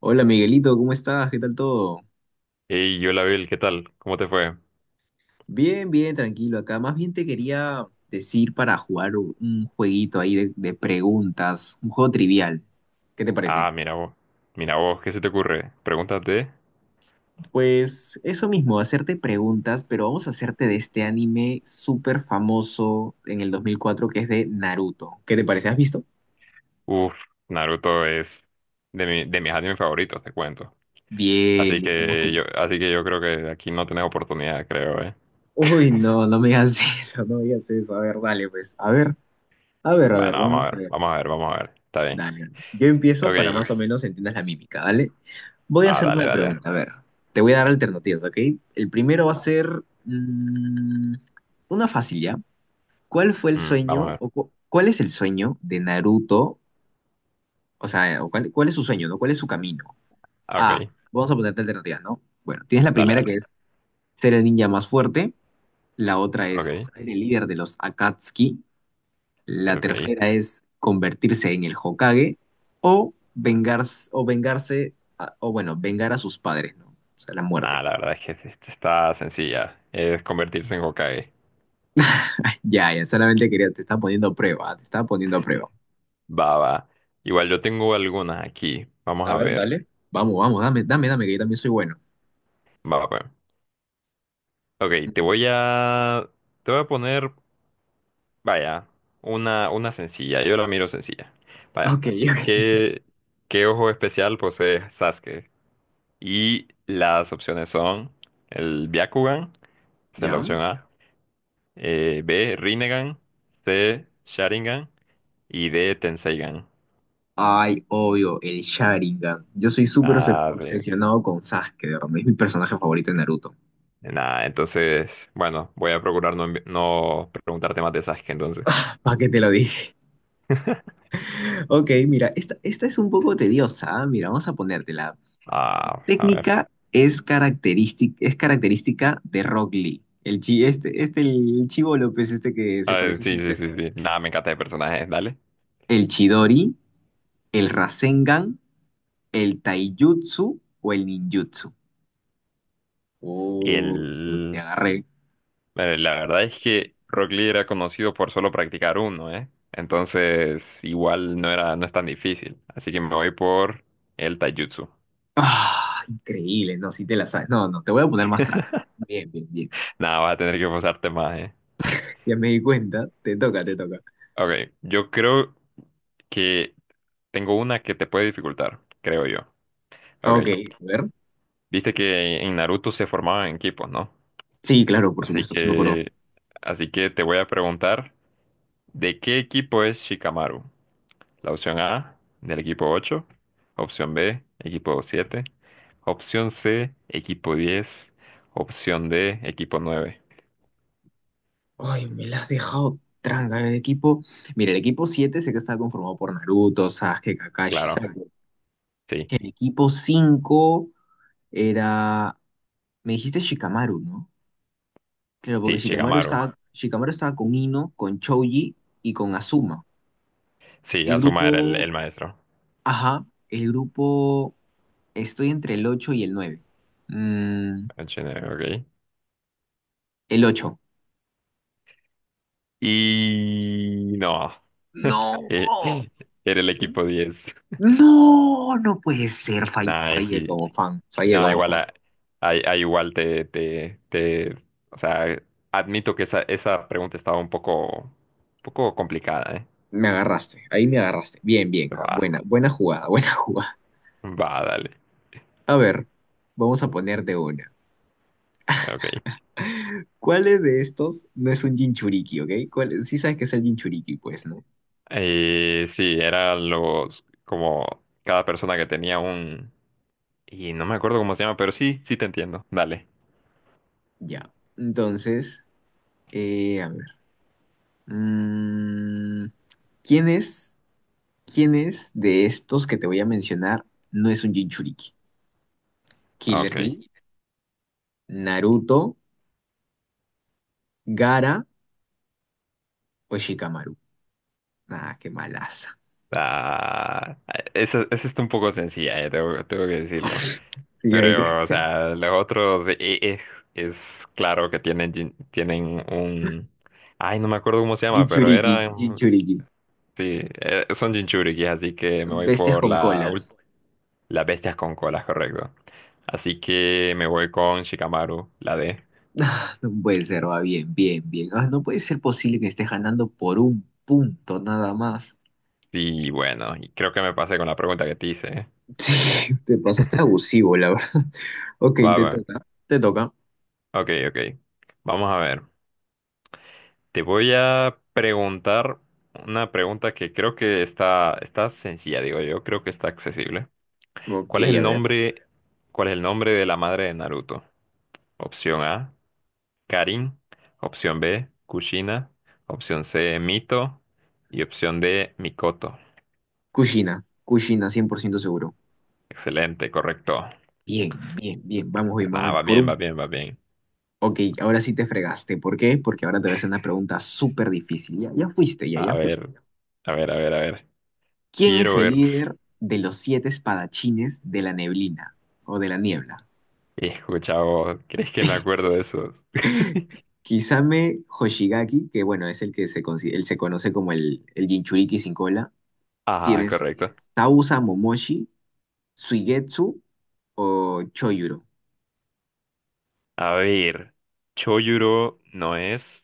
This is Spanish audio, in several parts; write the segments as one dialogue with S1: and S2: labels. S1: Hola Miguelito, ¿cómo estás? ¿Qué tal todo?
S2: Y yo la vi, ¿qué tal? ¿Cómo te fue?
S1: Bien, bien, tranquilo acá. Más bien te quería decir para jugar un jueguito ahí de preguntas, un juego trivial. ¿Qué te parece?
S2: Ah, mira vos, ¿qué se te ocurre? Pregúntate.
S1: Pues eso mismo, hacerte preguntas, pero vamos a hacerte de este anime súper famoso en el 2004 que es de Naruto. ¿Qué te parece? ¿Has visto?
S2: Uf, Naruto es de mis animes favoritos, te cuento.
S1: Bien,
S2: Así
S1: bien, estamos
S2: que
S1: como...
S2: yo, así que yo creo que aquí no tenés oportunidad, creo, ¿eh?
S1: Uy, no, no me digas eso, no me digas eso. A ver, dale, pues. A ver, a ver, a ver,
S2: Bueno,
S1: va,
S2: vamos a
S1: vamos a
S2: ver,
S1: ver.
S2: vamos a ver, vamos a ver. Está bien.
S1: Dale. Yo empiezo para más
S2: Ok.
S1: o menos entiendas la mímica, ¿vale? Voy a
S2: Ah,
S1: hacerte
S2: dale,
S1: una
S2: dale.
S1: pregunta, a ver. Te voy a dar alternativas, ¿ok? El primero va a ser una fácil, ¿ya? ¿Cuál fue el
S2: Mm, vamos a
S1: sueño
S2: ver.
S1: o cuál es el sueño de Naruto? O sea, o cuál es su sueño, ¿no? ¿Cuál es su camino?
S2: Ah,
S1: Ah,
S2: ok.
S1: vamos a ponerte alternativas, ¿no? Bueno, tienes la
S2: Dale,
S1: primera que
S2: dale.
S1: es ser el ninja más fuerte, la otra es
S2: Ok,
S1: ser el líder de los Akatsuki. La
S2: ok.
S1: tercera es convertirse en el Hokage o vengarse, o bueno, vengar a sus padres, ¿no? O sea, la
S2: Nah,
S1: muerte.
S2: la verdad es que sí, esta está sencilla. Es convertirse en Hokage.
S1: Ya, ya, solamente quería, te estaba poniendo a prueba, te estaba poniendo a prueba.
S2: Va, va. Igual yo tengo algunas aquí. Vamos
S1: A
S2: a
S1: ver,
S2: ver.
S1: dale. Vamos, vamos, dame, dame, dame, que yo también soy bueno.
S2: Va, pues. Ok, te voy a... Te voy a poner, vaya, una sencilla. Yo la miro sencilla.
S1: Mm.
S2: Vaya.
S1: Ok, ok.
S2: ¿Qué, qué ojo especial posee Sasuke? Y las opciones son el Byakugan, esa es la
S1: Ya.
S2: opción A. B, Rinnegan. C, Sharingan. Y D, Tenseigan.
S1: Ay, obvio, el Sharingan. Yo soy súper
S2: Ah, sí.
S1: obsesionado con Sasuke, de verdad, es mi personaje favorito de Naruto.
S2: Nada, entonces, bueno, voy a procurar no preguntarte más de Sasuke entonces.
S1: ¿Para qué te lo dije? Ok, mira, esta es un poco tediosa, ¿ah? Mira, vamos a ponértela.
S2: Ah, a ver.
S1: Técnica es característica de Rock Lee. El Chivo López, este que
S2: A
S1: se parece
S2: ver,
S1: a su
S2: sí, sí, sí,
S1: entrenador.
S2: sí. Nada, me encanta de personajes, dale.
S1: El Chidori, el Rasengan, el Taijutsu o el Ninjutsu.
S2: Y
S1: Oh, te
S2: él,
S1: agarré.
S2: la verdad es que Rock Lee era conocido por solo practicar uno, ¿eh? Entonces, igual no era, no es tan difícil. Así que me voy por el taijutsu.
S1: Ah, increíble, no, si te la sabes. No, no, te voy a poner más tranca. Bien, bien, bien, bien.
S2: Nada, vas a tener que forzarte más, ¿eh?
S1: Ya me di cuenta, te toca, te toca.
S2: Ok, yo creo que tengo una que te puede dificultar, creo yo. Ok,
S1: Ok, a ver.
S2: viste que en Naruto se formaban en equipos, ¿no?
S1: Sí, claro, por
S2: Así
S1: supuesto, sí me acuerdo.
S2: que, así que te voy a preguntar, ¿de qué equipo es Shikamaru? La opción A, del equipo ocho. Opción B, equipo siete. Opción C, equipo diez. Opción D, equipo nueve.
S1: Ay, me la has dejado tranca. Mira, el equipo 7 sé que está conformado por Naruto, Sasuke, Kakashi,
S2: Claro,
S1: Sakura.
S2: sí,
S1: El equipo 5 era, me dijiste Shikamaru, ¿no? Claro, porque
S2: sí,
S1: Shikamaru
S2: Shikamaru.
S1: estaba, Shikamaru estaba con Ino, con Choji y con Azuma.
S2: Sí,
S1: El
S2: Azuma era el,
S1: grupo,
S2: el maestro.
S1: ajá, el grupo, estoy entre el 8 y el 9. Mm,
S2: El Shinigami, ok.
S1: el 8.
S2: Y no.
S1: No,
S2: Eh, Era el equipo diez.
S1: no, no puede ser,
S2: Nah,
S1: fallé como fan,
S2: no,
S1: fallé como
S2: igual,
S1: fan.
S2: ahí igual o sea, admito que esa pregunta estaba un poco complicada,
S1: Me agarraste, ahí me agarraste. Bien, bien. Ah,
S2: ¿eh?
S1: buena, buena jugada, buena jugada.
S2: Va, dale.
S1: A ver, vamos a poner de una.
S2: Ok.
S1: ¿Cuáles de estos no es un Jinchuriki, ok? Sí sabes que es el Jinchuriki, pues, ¿no?
S2: Sí, eran los, como cada persona que tenía un... Y no me acuerdo cómo se llama, pero sí, sí te entiendo. Dale.
S1: Ya. Entonces, a ver, mm, ¿quién es, quién es de estos que te voy a mencionar no es un Jinchuriki? ¿Killer
S2: Ok.
S1: Bill, Naruto, Gara o Shikamaru? Ah, qué malaza.
S2: Ah, esa está un poco sencilla, tengo que decirlo.
S1: Sí, ahí, güey.
S2: Pero, o sea, los otros es, claro que tienen un... Ay, no me acuerdo cómo se llama, pero
S1: Jinchuriki,
S2: era...
S1: Jinchuriki.
S2: Sí, son Jinchuriki, así que me voy
S1: Bestias
S2: por
S1: con colas.
S2: las bestias con colas, correcto. Así que me voy con Shikamaru, la D.
S1: Ah, no puede ser, va bien, bien, bien. Ah, no puede ser posible que estés ganando por un punto nada más.
S2: Y bueno, creo que me pasé con la pregunta que te hice, ¿eh?
S1: Sí, te pasaste abusivo, la verdad. Ok,
S2: Va,
S1: te
S2: va.
S1: toca. Te toca.
S2: Ok, ok. Vamos a ver. Te voy a preguntar una pregunta que creo que está sencilla, digo yo. Creo que está accesible.
S1: Ok,
S2: ¿Cuál es el
S1: a ver.
S2: nombre, cuál es el nombre de la madre de Naruto? Opción A, Karin. Opción B, Kushina. Opción C, Mito. Y opción D, Mikoto.
S1: Kushina. Kushina, 100% seguro.
S2: Excelente, correcto.
S1: Bien, bien, bien. Vamos bien, vamos
S2: Nada,
S1: bien.
S2: va
S1: Por
S2: bien, va
S1: un...
S2: bien, va bien.
S1: Ok, ahora sí te fregaste. ¿Por qué? Porque ahora te voy a hacer una pregunta súper difícil. Ya, ya fuiste, ya,
S2: A
S1: ya fuiste.
S2: ver, a ver, a ver, a ver.
S1: ¿Quién es
S2: Quiero
S1: el
S2: ver.
S1: líder de los siete espadachines de la neblina o de la niebla?
S2: Hijo, chavo, ¿crees que me acuerdo de esos?
S1: Kisame Hoshigaki, que bueno, es el que él se conoce como el Jinchuriki sin cola.
S2: Ah,
S1: Tienes
S2: correcto.
S1: Tausa Momoshi, Suigetsu o Choyuro.
S2: A ver, Choyuro no es,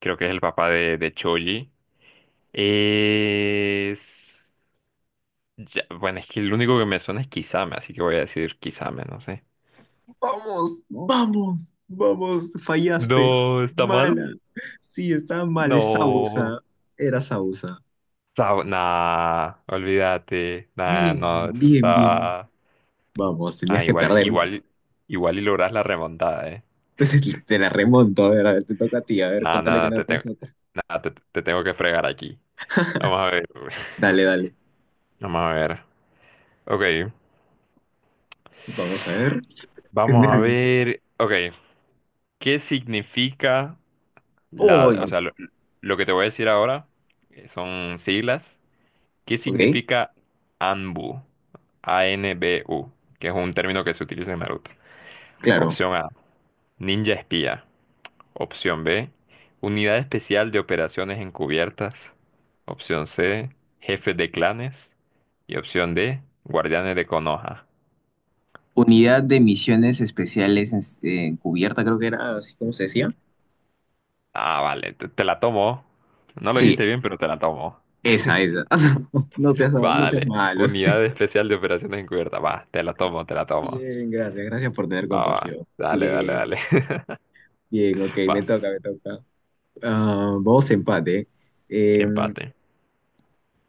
S2: creo que es el papá de Choji. Es... ya, bueno, es que el único que me suena es Kisame, así que voy a decir Kisame, no sé.
S1: Vamos, vamos, vamos, fallaste.
S2: No, está mal.
S1: Mala. Sí, estaba mal, es
S2: No,
S1: Sausa. Era Sausa.
S2: nah, olvídate, nah, no,
S1: Bien,
S2: eso
S1: bien, bien, bien.
S2: estaba,
S1: Vamos, tenías
S2: ah,
S1: que
S2: igual,
S1: perder.
S2: igual, igual y logras la remontada,
S1: Entonces te la remonto, a ver, te toca a ti, a ver,
S2: nah,
S1: contale que
S2: nada,
S1: no la
S2: te tengo,
S1: conoces otra.
S2: nah, te tengo que fregar aquí, vamos a ver,
S1: Dale, dale.
S2: vamos a ver, ok,
S1: Vamos a ver. Qué
S2: vamos a
S1: nervio.
S2: ver, ok, ¿qué significa
S1: Oh, no.
S2: o sea, lo que te voy a decir ahora, son siglas, ¿qué
S1: Ok.
S2: significa ANBU? ANBU, que es un término que se utiliza en Naruto.
S1: Claro.
S2: Opción A, ninja espía. Opción B, unidad especial de operaciones encubiertas. Opción C, jefe de clanes. Y opción D, guardianes de Konoha.
S1: Unidad de Misiones Especiales Encubierta, creo que era así como se decía.
S2: Ah, vale, te la tomo. No lo
S1: Sí,
S2: dijiste bien, pero te la tomo.
S1: esa, esa. No seas,
S2: Va,
S1: no seas
S2: dale.
S1: malo. No seas-
S2: Unidad especial de operaciones encubiertas. Va, te la tomo, te la tomo.
S1: Bien, gracias. Gracias por tener
S2: Va, va.
S1: compasión.
S2: Dale, dale, dale.
S1: Bien, bien, ok, me
S2: Vas.
S1: toca, me toca. Ah, vamos a empate. Eh,
S2: Empate.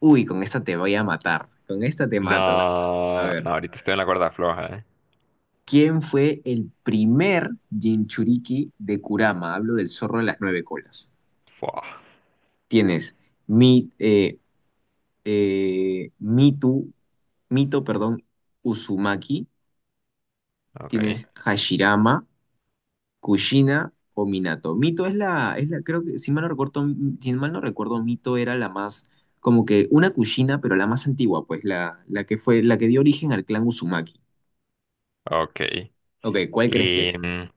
S1: uy, con esta te voy a matar. Con esta te mato. A
S2: No,
S1: ver,
S2: no, ahorita estoy en la cuerda floja, ¿eh?
S1: ¿quién fue el primer Jinchuriki de Kurama? Hablo del zorro de las nueve colas.
S2: Fua.
S1: Tienes mi, eh, eh, Mitu, Mito, perdón, Uzumaki,
S2: Ok,
S1: tienes Hashirama, Kushina o Minato. Mito es la, creo que, si mal no recuerdo, si mal no recuerdo, Mito era la más, como que una Kushina, pero la más antigua, pues, la que fue, la que dio origen al clan Uzumaki.
S2: ok.
S1: Ok, ¿cuál crees que
S2: Y,
S1: es?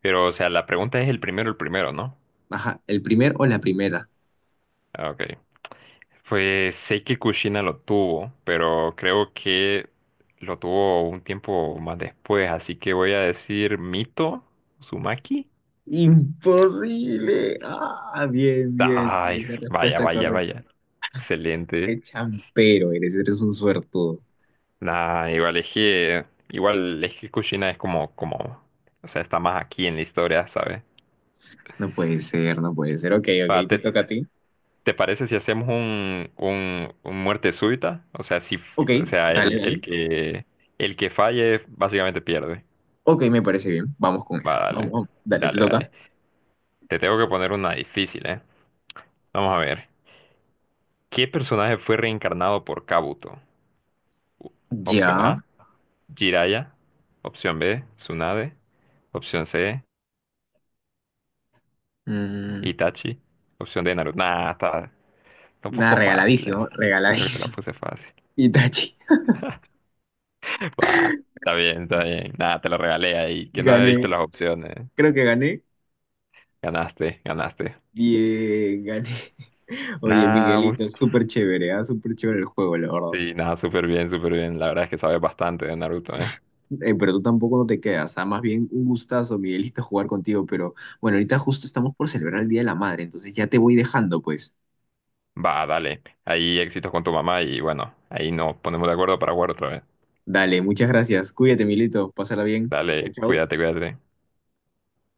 S2: pero, o sea, la pregunta es el primero, ¿no?
S1: Ajá, ¿el primer o la primera?
S2: Ah, ok. Pues sé que Kushina lo tuvo, pero creo que lo tuvo un tiempo más después, así que voy a decir Mito Uzumaki.
S1: Imposible. Ah, bien, bien, sí,
S2: Ay,
S1: es la
S2: vaya,
S1: respuesta
S2: vaya,
S1: correcta.
S2: vaya. Excelente.
S1: Qué champero eres, eres un suertudo.
S2: Nah, igual es que Kushina es como, o sea, está más aquí en la historia, ¿sabes?
S1: No puede ser, no puede ser. Ok,
S2: Va,
S1: ok, te toca a ti.
S2: ¿te parece si hacemos un muerte súbita? O sea, si,
S1: Ok,
S2: o sea,
S1: dale,
S2: el,
S1: dale.
S2: el que, el que falle básicamente pierde.
S1: Ok, me parece bien. Vamos con
S2: Va,
S1: eso. Vamos,
S2: dale,
S1: vamos. Dale, te
S2: dale,
S1: toca.
S2: dale. Te tengo que poner una difícil, ¿eh? Vamos a ver. ¿Qué personaje fue reencarnado por Kabuto? Opción
S1: Ya.
S2: A, Jiraiya. Opción B, Tsunade. Opción C,
S1: Mm,
S2: Itachi. Opción D, Naruto. Nah, está un
S1: nada,
S2: poco fácil, ¿eh?
S1: regaladísimo,
S2: Creo que te la
S1: regaladísimo.
S2: puse fácil.
S1: Itachi,
S2: Va, está bien, está bien. Nada, te lo regalé ahí, que no había visto
S1: gané.
S2: las opciones.
S1: Creo que gané.
S2: Ganaste, ganaste.
S1: Bien, gané. Oye,
S2: Nada,
S1: Miguelito, súper chévere, ¿ah? Súper chévere el juego, la verdad.
S2: sí, nada, súper bien, súper bien. La verdad es que sabes bastante de Naruto, ¿eh?
S1: Pero tú tampoco no te quedas, ¿ah? Más bien un gustazo, Miguelito, jugar contigo. Pero bueno, ahorita justo estamos por celebrar el Día de la Madre, entonces ya te voy dejando, pues.
S2: Va, dale. Ahí éxitos con tu mamá y bueno, ahí nos ponemos de acuerdo para jugar otra vez.
S1: Dale, muchas gracias. Cuídate, Milito. Pásala bien. Chau,
S2: Dale,
S1: chau.
S2: cuídate, cuídate.